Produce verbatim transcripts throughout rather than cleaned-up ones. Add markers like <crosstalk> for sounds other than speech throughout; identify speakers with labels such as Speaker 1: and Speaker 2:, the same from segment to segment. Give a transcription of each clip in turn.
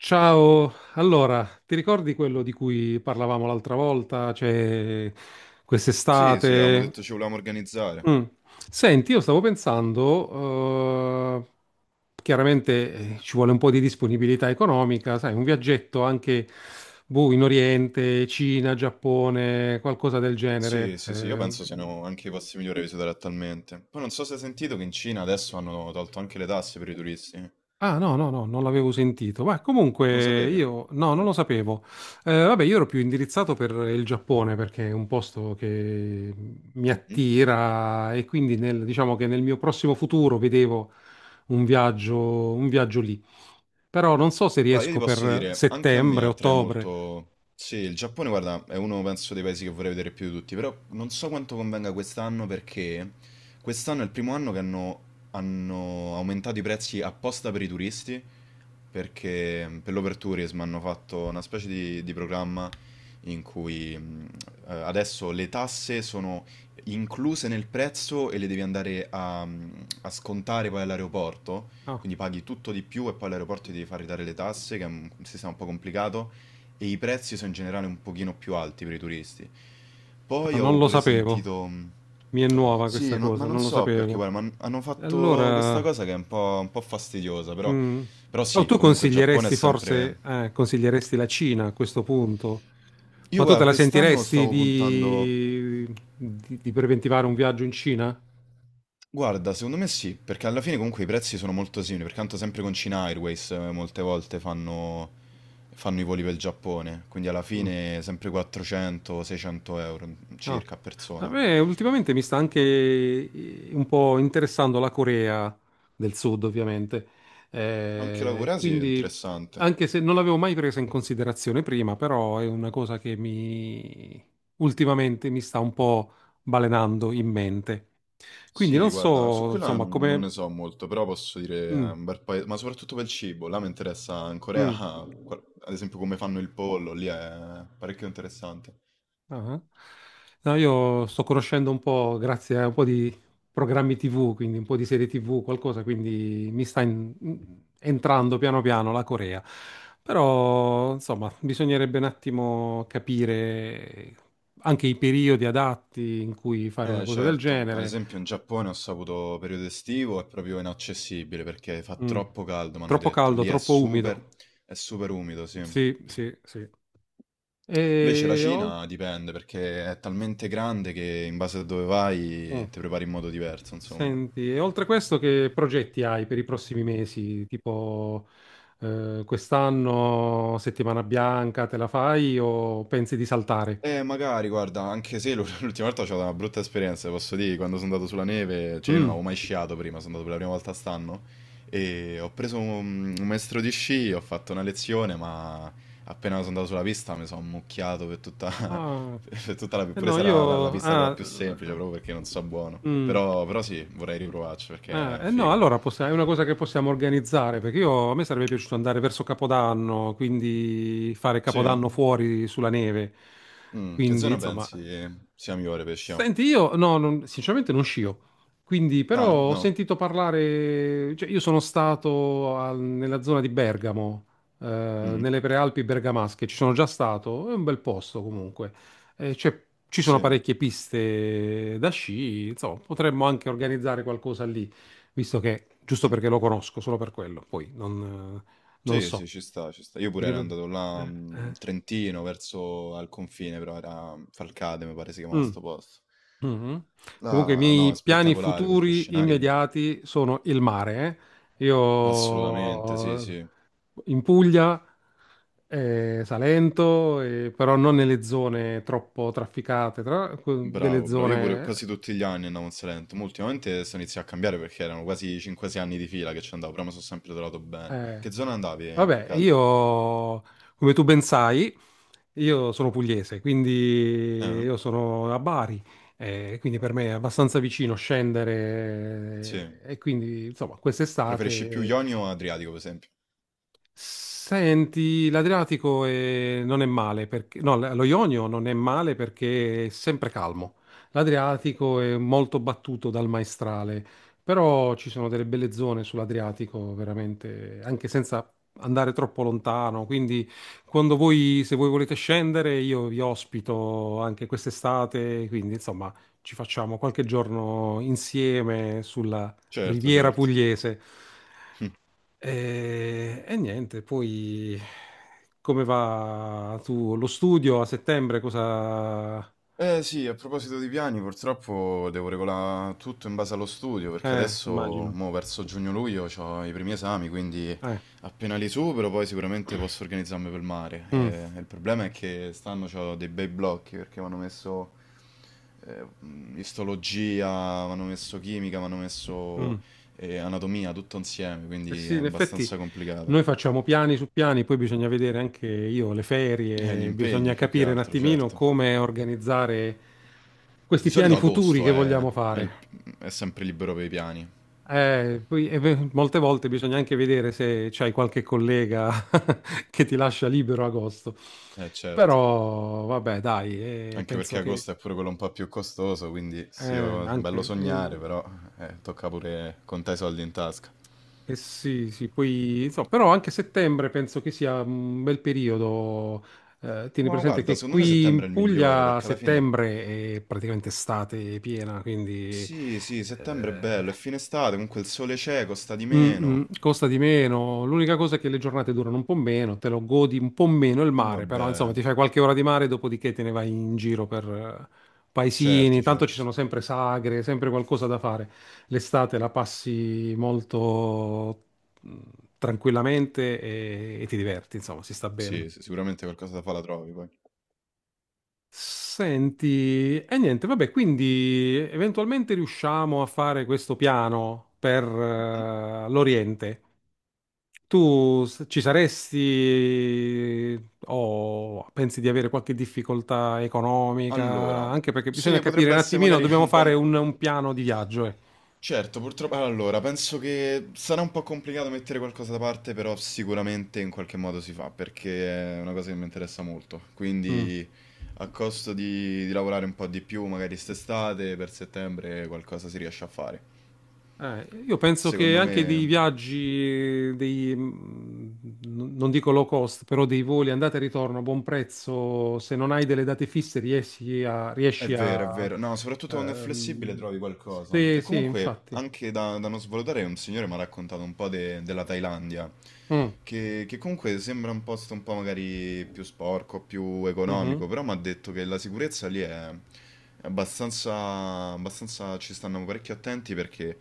Speaker 1: Ciao, allora, ti ricordi quello di cui parlavamo l'altra volta? Cioè,
Speaker 2: Sì, sì, avevamo
Speaker 1: quest'estate?
Speaker 2: detto ci volevamo organizzare.
Speaker 1: Mm. Senti, io stavo pensando, eh, chiaramente eh, ci vuole un po' di disponibilità economica, sai, un viaggetto anche boh, in Oriente, Cina, Giappone, qualcosa del genere.
Speaker 2: Sì, sì, sì, io
Speaker 1: eh,
Speaker 2: penso siano anche i posti migliori da visitare attualmente. Poi non so se hai sentito che in Cina adesso hanno tolto anche le tasse per i turisti. Non
Speaker 1: Ah, no, no, no, non l'avevo sentito. Ma
Speaker 2: lo
Speaker 1: comunque
Speaker 2: sapevi?
Speaker 1: io, no, non lo sapevo. Eh, vabbè, io ero più indirizzato per il Giappone perché è un posto che mi
Speaker 2: Mm.
Speaker 1: attira e quindi nel- diciamo che nel mio prossimo futuro vedevo un viaggio, un viaggio lì. Però non so se
Speaker 2: Guarda, io ti
Speaker 1: riesco
Speaker 2: posso
Speaker 1: per
Speaker 2: dire, anche a me
Speaker 1: settembre,
Speaker 2: attrae
Speaker 1: ottobre.
Speaker 2: molto. Sì, il Giappone, guarda, è uno, penso, dei paesi che vorrei vedere più di tutti, però non so quanto convenga quest'anno perché quest'anno è il primo anno che hanno, hanno aumentato i prezzi apposta per i turisti, perché per l'overtourism hanno fatto una specie di, di programma in cui mh, eh, adesso le tasse sono incluse nel prezzo e le devi andare a, a scontare poi all'aeroporto,
Speaker 1: Ah,
Speaker 2: quindi paghi tutto di più e poi all'aeroporto ti devi far ridare le tasse, che è un sistema un po' complicato, e i prezzi sono in generale un pochino più alti per i turisti.
Speaker 1: ah,
Speaker 2: Poi
Speaker 1: non
Speaker 2: ho
Speaker 1: lo
Speaker 2: pure
Speaker 1: sapevo.
Speaker 2: sentito.
Speaker 1: Mi è nuova
Speaker 2: Sì,
Speaker 1: questa
Speaker 2: non- ma
Speaker 1: cosa,
Speaker 2: non
Speaker 1: non lo
Speaker 2: so perché,
Speaker 1: sapevo.
Speaker 2: guarda, ma han- hanno fatto
Speaker 1: Allora,
Speaker 2: questa cosa che è un po', un po' fastidiosa, però,
Speaker 1: mm.
Speaker 2: però
Speaker 1: Oh,
Speaker 2: sì,
Speaker 1: tu
Speaker 2: comunque il Giappone è
Speaker 1: consiglieresti
Speaker 2: sempre.
Speaker 1: forse, eh, consiglieresti la Cina a questo punto?
Speaker 2: Io,
Speaker 1: Ma tu te
Speaker 2: guarda,
Speaker 1: la
Speaker 2: quest'anno
Speaker 1: sentiresti
Speaker 2: stavo puntando.
Speaker 1: di, di- di preventivare un viaggio in Cina?
Speaker 2: Guarda, secondo me sì, perché alla fine comunque i prezzi sono molto simili, perché tanto sempre con China Airways eh, molte volte fanno, fanno i voli per il Giappone, quindi alla
Speaker 1: Mm.
Speaker 2: fine sempre quattrocento-seicento euro
Speaker 1: No.
Speaker 2: circa a
Speaker 1: A
Speaker 2: persona.
Speaker 1: me ultimamente mi sta anche eh, un po' interessando la Corea del Sud, ovviamente.
Speaker 2: Anche la
Speaker 1: Eh,
Speaker 2: Corea sì, è
Speaker 1: quindi,
Speaker 2: interessante.
Speaker 1: anche se non l'avevo mai presa in considerazione prima, però è una cosa che mi ultimamente mi sta un po' balenando in mente. Quindi
Speaker 2: Sì,
Speaker 1: non
Speaker 2: guarda, su
Speaker 1: so,
Speaker 2: quella
Speaker 1: insomma,
Speaker 2: non, non ne
Speaker 1: come...
Speaker 2: so molto, però posso dire è
Speaker 1: Mm,
Speaker 2: un bel paese, ma soprattutto per il cibo, là mi interessa in Corea, <laughs>
Speaker 1: mm.
Speaker 2: ah, guar- ad esempio come fanno il pollo, lì è parecchio interessante.
Speaker 1: Ah. No, io sto conoscendo un po', grazie a un po' di programmi ti vu, quindi un po' di serie ti vu, qualcosa, quindi mi sta in- entrando piano piano la Corea. Però, insomma, bisognerebbe un attimo capire anche i periodi adatti in cui fare una
Speaker 2: Eh
Speaker 1: cosa del
Speaker 2: certo, ad
Speaker 1: genere.
Speaker 2: esempio in Giappone ho saputo periodo estivo è proprio inaccessibile perché fa
Speaker 1: Mm.
Speaker 2: troppo caldo, mi hanno
Speaker 1: Troppo
Speaker 2: detto.
Speaker 1: caldo,
Speaker 2: Lì è
Speaker 1: troppo
Speaker 2: super,
Speaker 1: umido.
Speaker 2: è super umido, sì.
Speaker 1: Sì, sì, sì.
Speaker 2: Invece la
Speaker 1: E oltre...
Speaker 2: Cina dipende perché è talmente grande che in base a dove vai ti prepari in modo diverso, insomma.
Speaker 1: Senti, e oltre a questo, che progetti hai per i prossimi mesi? Tipo, eh, quest'anno settimana bianca te la fai o pensi di saltare?
Speaker 2: Eh, magari, guarda, anche se l- <laughs> l'ultima volta ho avuto una brutta esperienza, posso dire, quando sono andato sulla neve, cioè io non
Speaker 1: Mm.
Speaker 2: avevo mai sciato prima, sono andato per la prima volta stanno e ho preso un, un maestro di sci, ho fatto una lezione, ma appena sono andato sulla pista mi sono ammucchiato per tutta, <laughs>
Speaker 1: Ah.
Speaker 2: per tutta la,
Speaker 1: Eh
Speaker 2: pure
Speaker 1: no,
Speaker 2: se era la, la
Speaker 1: io...
Speaker 2: pista quella
Speaker 1: Ah,
Speaker 2: più semplice, proprio perché non so buono.
Speaker 1: mm.
Speaker 2: Però, però sì, vorrei riprovarci perché
Speaker 1: Ah,
Speaker 2: è
Speaker 1: eh no,
Speaker 2: figo.
Speaker 1: allora possi- è una cosa che possiamo organizzare, perché io, a me sarebbe piaciuto andare verso Capodanno, quindi fare
Speaker 2: Sì?
Speaker 1: Capodanno fuori sulla neve.
Speaker 2: Mm, che
Speaker 1: Quindi,
Speaker 2: zona
Speaker 1: insomma...
Speaker 2: pensi sia migliore per sciare?
Speaker 1: Senti, io no, non- sinceramente non scio, quindi però
Speaker 2: Ah,
Speaker 1: ho
Speaker 2: no?
Speaker 1: sentito parlare, cioè io sono stato al- nella zona di Bergamo, eh,
Speaker 2: Mm,
Speaker 1: nelle prealpi bergamasche, ci sono già stato, è un bel posto comunque. Eh, c'è- ci sono
Speaker 2: sì.
Speaker 1: parecchie piste da sci, insomma potremmo anche organizzare qualcosa lì, visto che, giusto perché lo conosco, solo per quello, poi non, eh, non
Speaker 2: Sì,
Speaker 1: so.
Speaker 2: sì, ci sta, ci sta. Io pure
Speaker 1: Vieni
Speaker 2: ero
Speaker 1: per-
Speaker 2: andato là
Speaker 1: eh,
Speaker 2: mh, in
Speaker 1: eh.
Speaker 2: Trentino, verso al confine, però era Falcade, mi pare si chiamava
Speaker 1: Mm.
Speaker 2: sto posto.
Speaker 1: Mhm. Comunque, i
Speaker 2: Là, no, è
Speaker 1: miei piani
Speaker 2: spettacolare con quei
Speaker 1: futuri
Speaker 2: scenari.
Speaker 1: immediati sono il mare. Eh.
Speaker 2: Assolutamente, sì,
Speaker 1: Io
Speaker 2: sì.
Speaker 1: in Puglia, eh, Salento, eh, però non nelle zone troppo trafficate, tra- delle
Speaker 2: Bravo, bravo. Io pure quasi
Speaker 1: zone...
Speaker 2: tutti gli anni andavo in Salento, ma ultimamente sto iniziando a cambiare perché erano quasi cinque o sei anni di fila che ci andavo, però mi sono sempre trovato bene.
Speaker 1: Eh.
Speaker 2: Che zona andavi, eh, più
Speaker 1: Vabbè,
Speaker 2: che altro?
Speaker 1: io, come tu ben sai, io sono pugliese, quindi
Speaker 2: Eh?
Speaker 1: io sono a Bari, eh, quindi per me è abbastanza vicino
Speaker 2: Sì.
Speaker 1: scendere, eh, e quindi, insomma,
Speaker 2: Preferisci più
Speaker 1: quest'estate.
Speaker 2: Ionio o Adriatico, per esempio?
Speaker 1: Senti, l'Adriatico eh, non è male perché, no, l- lo Ionio non è male perché è sempre calmo. L'Adriatico è molto battuto dal maestrale, però ci sono delle belle zone sull'Adriatico, veramente, anche senza andare troppo lontano. Quindi, quando voi, se voi volete scendere, io vi ospito anche quest'estate. Quindi, insomma, ci facciamo qualche giorno insieme sulla
Speaker 2: Certo,
Speaker 1: Riviera
Speaker 2: certo.
Speaker 1: Pugliese.
Speaker 2: <laughs>
Speaker 1: E, e niente, poi come va tu lo studio a settembre? Cosa...
Speaker 2: Eh sì, a proposito di piani, purtroppo devo regolare tutto in base allo studio, perché
Speaker 1: Eh,
Speaker 2: adesso,
Speaker 1: immagino.
Speaker 2: mo, verso giugno-luglio, ho i primi esami, quindi
Speaker 1: Eh,
Speaker 2: appena li supero poi sicuramente posso organizzarmi per il mare.
Speaker 1: mm,
Speaker 2: Eh, il problema è che stanno ho dei bei blocchi, perché mi hanno messo eh, mh, istologia, mi hanno messo chimica, mi hanno messo
Speaker 1: mm.
Speaker 2: eh, anatomia, tutto insieme,
Speaker 1: Eh
Speaker 2: quindi è
Speaker 1: sì, in effetti
Speaker 2: abbastanza
Speaker 1: noi
Speaker 2: complicato.
Speaker 1: facciamo piani su piani, poi bisogna vedere anche io le
Speaker 2: Eh, gli
Speaker 1: ferie,
Speaker 2: impegni
Speaker 1: bisogna
Speaker 2: più che
Speaker 1: capire un
Speaker 2: altro,
Speaker 1: attimino
Speaker 2: certo.
Speaker 1: come organizzare
Speaker 2: Di
Speaker 1: questi piani
Speaker 2: solito
Speaker 1: futuri
Speaker 2: agosto
Speaker 1: che
Speaker 2: è,
Speaker 1: vogliamo
Speaker 2: è il-
Speaker 1: fare.
Speaker 2: è sempre libero per i piani.
Speaker 1: Eh, poi, e beh, molte volte bisogna anche vedere se c'hai qualche collega <laughs> che ti lascia libero agosto.
Speaker 2: Eh certo,
Speaker 1: Però, vabbè, dai, eh,
Speaker 2: anche
Speaker 1: penso
Speaker 2: perché
Speaker 1: che
Speaker 2: agosto è pure quello un po' più costoso, quindi sì,
Speaker 1: eh,
Speaker 2: oh, è bello
Speaker 1: anche... eh,
Speaker 2: sognare, però eh, tocca pure contare i soldi in tasca.
Speaker 1: eh sì, sì, poi, insomma, però anche settembre penso che sia un bel periodo. Eh, tieni
Speaker 2: Ma
Speaker 1: presente
Speaker 2: guarda,
Speaker 1: che
Speaker 2: secondo me
Speaker 1: qui
Speaker 2: settembre è
Speaker 1: in
Speaker 2: il migliore,
Speaker 1: Puglia
Speaker 2: perché alla fine.
Speaker 1: settembre è praticamente estate piena, quindi...
Speaker 2: Sì, sì, settembre è
Speaker 1: eh,
Speaker 2: bello, è fine estate, comunque il sole c'è, costa di
Speaker 1: mm,
Speaker 2: meno.
Speaker 1: mm, costa di meno. L'unica cosa è che le giornate durano un po' meno, te lo godi un po' meno il
Speaker 2: Eh
Speaker 1: mare, però insomma
Speaker 2: vabbè,
Speaker 1: ti fai qualche ora di mare, dopodiché te ne vai in giro per eh, paesini.
Speaker 2: certo,
Speaker 1: Tanto ci
Speaker 2: certo.
Speaker 1: sono sempre sagre, sempre qualcosa da fare. L'estate la passi molto mm, tranquillamente e, e ti diverti, insomma, si sta
Speaker 2: Sì,
Speaker 1: bene.
Speaker 2: sì, sicuramente qualcosa da fare la trovi poi.
Speaker 1: Senti, e niente, vabbè, quindi eventualmente riusciamo a fare questo piano per
Speaker 2: Mm?
Speaker 1: eh, l'Oriente. Tu s- ci saresti o pensi di avere qualche difficoltà economica?
Speaker 2: Allora,
Speaker 1: Anche perché bisogna
Speaker 2: sì,
Speaker 1: capire
Speaker 2: potrebbe
Speaker 1: un
Speaker 2: essere
Speaker 1: attimino,
Speaker 2: magari <laughs>
Speaker 1: dobbiamo
Speaker 2: un po'...
Speaker 1: fare
Speaker 2: un-
Speaker 1: un, un piano di viaggio. Eh.
Speaker 2: Certo, purtroppo. Allora, penso che sarà un po' complicato mettere qualcosa da parte, però sicuramente in qualche modo si fa, perché è una cosa che mi interessa molto.
Speaker 1: Mm.
Speaker 2: Quindi, a costo di, di lavorare un po' di più, magari st'estate, per settembre, qualcosa si riesce a fare.
Speaker 1: Eh, io penso che
Speaker 2: Secondo
Speaker 1: anche dei
Speaker 2: me.
Speaker 1: viaggi, dei, mm, n- non dico low cost, però dei voli andata e ritorno a buon prezzo, se non hai delle date fisse riesci a...
Speaker 2: È
Speaker 1: Riesci
Speaker 2: vero, è
Speaker 1: a
Speaker 2: vero. No, soprattutto quando è flessibile
Speaker 1: ehm,
Speaker 2: trovi qualcosa.
Speaker 1: sì,
Speaker 2: E
Speaker 1: sì,
Speaker 2: comunque,
Speaker 1: infatti.
Speaker 2: anche da, da non svalutare, un signore mi ha raccontato un po' de- della Thailandia,
Speaker 1: Mm.
Speaker 2: che, che comunque sembra un posto un po' magari più sporco, più
Speaker 1: Mhm.
Speaker 2: economico, però mi ha detto che la sicurezza lì è, è abbastanza, abbastanza... Ci stanno parecchio attenti perché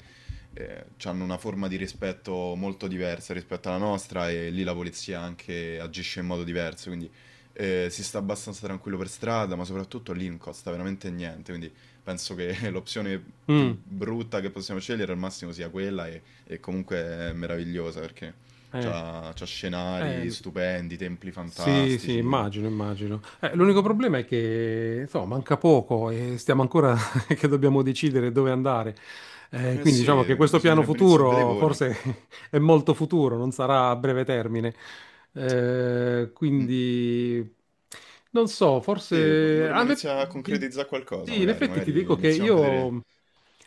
Speaker 2: hanno una forma di rispetto molto diversa rispetto alla nostra e lì la polizia anche agisce in modo diverso, quindi eh, si sta abbastanza tranquillo per strada, ma soprattutto lì non costa veramente niente, quindi penso che <laughs> l'opzione più
Speaker 1: Mm.
Speaker 2: brutta che possiamo scegliere al massimo sia quella e, e comunque è meravigliosa perché
Speaker 1: Eh.
Speaker 2: c'ha, c'ha scenari
Speaker 1: Eh,
Speaker 2: stupendi, templi
Speaker 1: sì, sì,
Speaker 2: fantastici.
Speaker 1: immagino, immagino. Eh, l'unico problema è che, insomma, manca poco e stiamo ancora <laughs> che dobbiamo decidere dove andare. Eh,
Speaker 2: Eh
Speaker 1: quindi
Speaker 2: sì,
Speaker 1: diciamo che questo piano
Speaker 2: bisognerebbe iniziare a vedere i
Speaker 1: futuro
Speaker 2: voli.
Speaker 1: forse <laughs> è molto futuro, non sarà a breve termine. Eh,
Speaker 2: Mm.
Speaker 1: quindi non so,
Speaker 2: Sì,
Speaker 1: forse
Speaker 2: dovremmo
Speaker 1: a me
Speaker 2: iniziare a concretizzare qualcosa,
Speaker 1: sì, in
Speaker 2: magari
Speaker 1: effetti ti
Speaker 2: magari
Speaker 1: dico che
Speaker 2: iniziamo a vedere.
Speaker 1: io,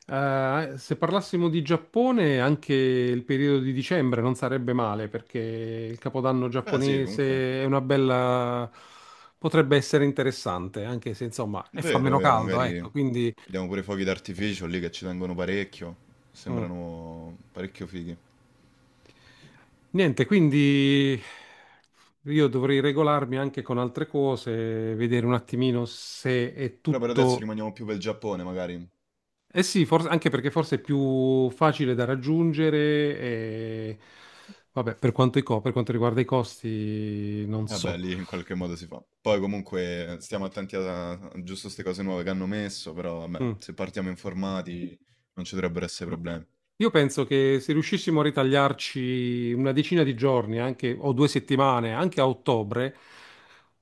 Speaker 1: eh, se parlassimo di Giappone, anche il periodo di dicembre non sarebbe male perché il capodanno
Speaker 2: Beh sì, comunque.
Speaker 1: giapponese è una bella, potrebbe essere interessante, anche se insomma, e fa
Speaker 2: Vero,
Speaker 1: meno
Speaker 2: vero,
Speaker 1: caldo,
Speaker 2: magari
Speaker 1: ecco, quindi
Speaker 2: vediamo pure i fuochi d'artificio lì che ci tengono parecchio,
Speaker 1: mm.
Speaker 2: sembrano parecchio fighi.
Speaker 1: Niente, quindi io dovrei regolarmi anche con altre cose, vedere un attimino se è
Speaker 2: Però per adesso
Speaker 1: tutto...
Speaker 2: rimaniamo più per il Giappone, magari.
Speaker 1: Eh sì, forse, anche perché forse è più facile da raggiungere e... Vabbè, per quanto, i co- per quanto riguarda i costi, non
Speaker 2: Vabbè,
Speaker 1: so.
Speaker 2: lì in qualche modo si fa. Poi comunque stiamo attenti a, a giusto queste cose nuove che hanno messo, però vabbè,
Speaker 1: Mm.
Speaker 2: se partiamo informati non ci dovrebbero essere problemi.
Speaker 1: Io penso che se riuscissimo a ritagliarci una decina di giorni, anche, o due settimane, anche a ottobre,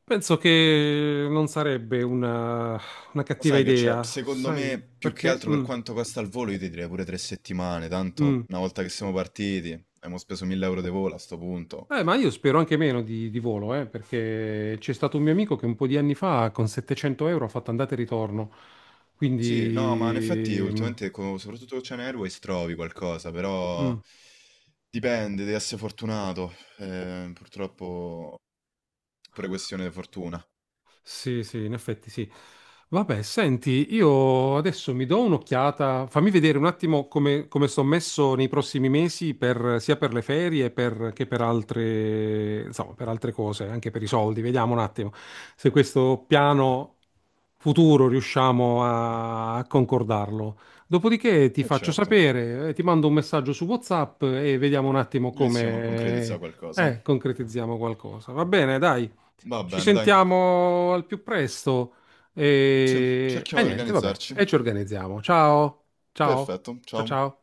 Speaker 1: penso che non sarebbe una, una
Speaker 2: Ma
Speaker 1: cattiva
Speaker 2: sai che c'è?
Speaker 1: idea,
Speaker 2: Secondo me,
Speaker 1: sai,
Speaker 2: più che
Speaker 1: perché...
Speaker 2: altro per
Speaker 1: mm,
Speaker 2: quanto costa il volo, io ti direi pure tre settimane,
Speaker 1: mm.
Speaker 2: tanto una volta che siamo partiti, abbiamo speso mille euro di volo a sto punto.
Speaker 1: Eh, ma io spero anche meno di, di volo, eh, perché c'è stato un mio amico che un po' di anni fa con settecento euro ha fatto andata e ritorno,
Speaker 2: Sì, no, ma in effetti
Speaker 1: quindi... mm,
Speaker 2: ultimamente, co- soprattutto con Ocean Airways, trovi qualcosa, però
Speaker 1: mm.
Speaker 2: dipende, devi essere fortunato. Eh, purtroppo è pure questione di fortuna.
Speaker 1: Sì, sì, in effetti sì. Vabbè, senti, io adesso mi do un'occhiata, fammi vedere un attimo come, come sto messo nei prossimi mesi per- sia per le ferie per- che per altre, insomma, per altre cose, anche per i soldi. Vediamo un attimo se questo piano futuro riusciamo a, a concordarlo. Dopodiché ti
Speaker 2: E
Speaker 1: faccio
Speaker 2: certo,
Speaker 1: sapere, eh, ti mando un messaggio su WhatsApp e vediamo un attimo
Speaker 2: iniziamo a concretizzare
Speaker 1: come,
Speaker 2: qualcosa.
Speaker 1: eh, concretizziamo qualcosa. Va bene, dai.
Speaker 2: Va
Speaker 1: Ci
Speaker 2: bene, dai.
Speaker 1: sentiamo al più presto
Speaker 2: Sì,
Speaker 1: e, e
Speaker 2: cerchiamo di
Speaker 1: niente, vabbè,
Speaker 2: organizzarci.
Speaker 1: e ci organizziamo. Ciao, ciao,
Speaker 2: Perfetto,
Speaker 1: ciao,
Speaker 2: ciao.
Speaker 1: ciao.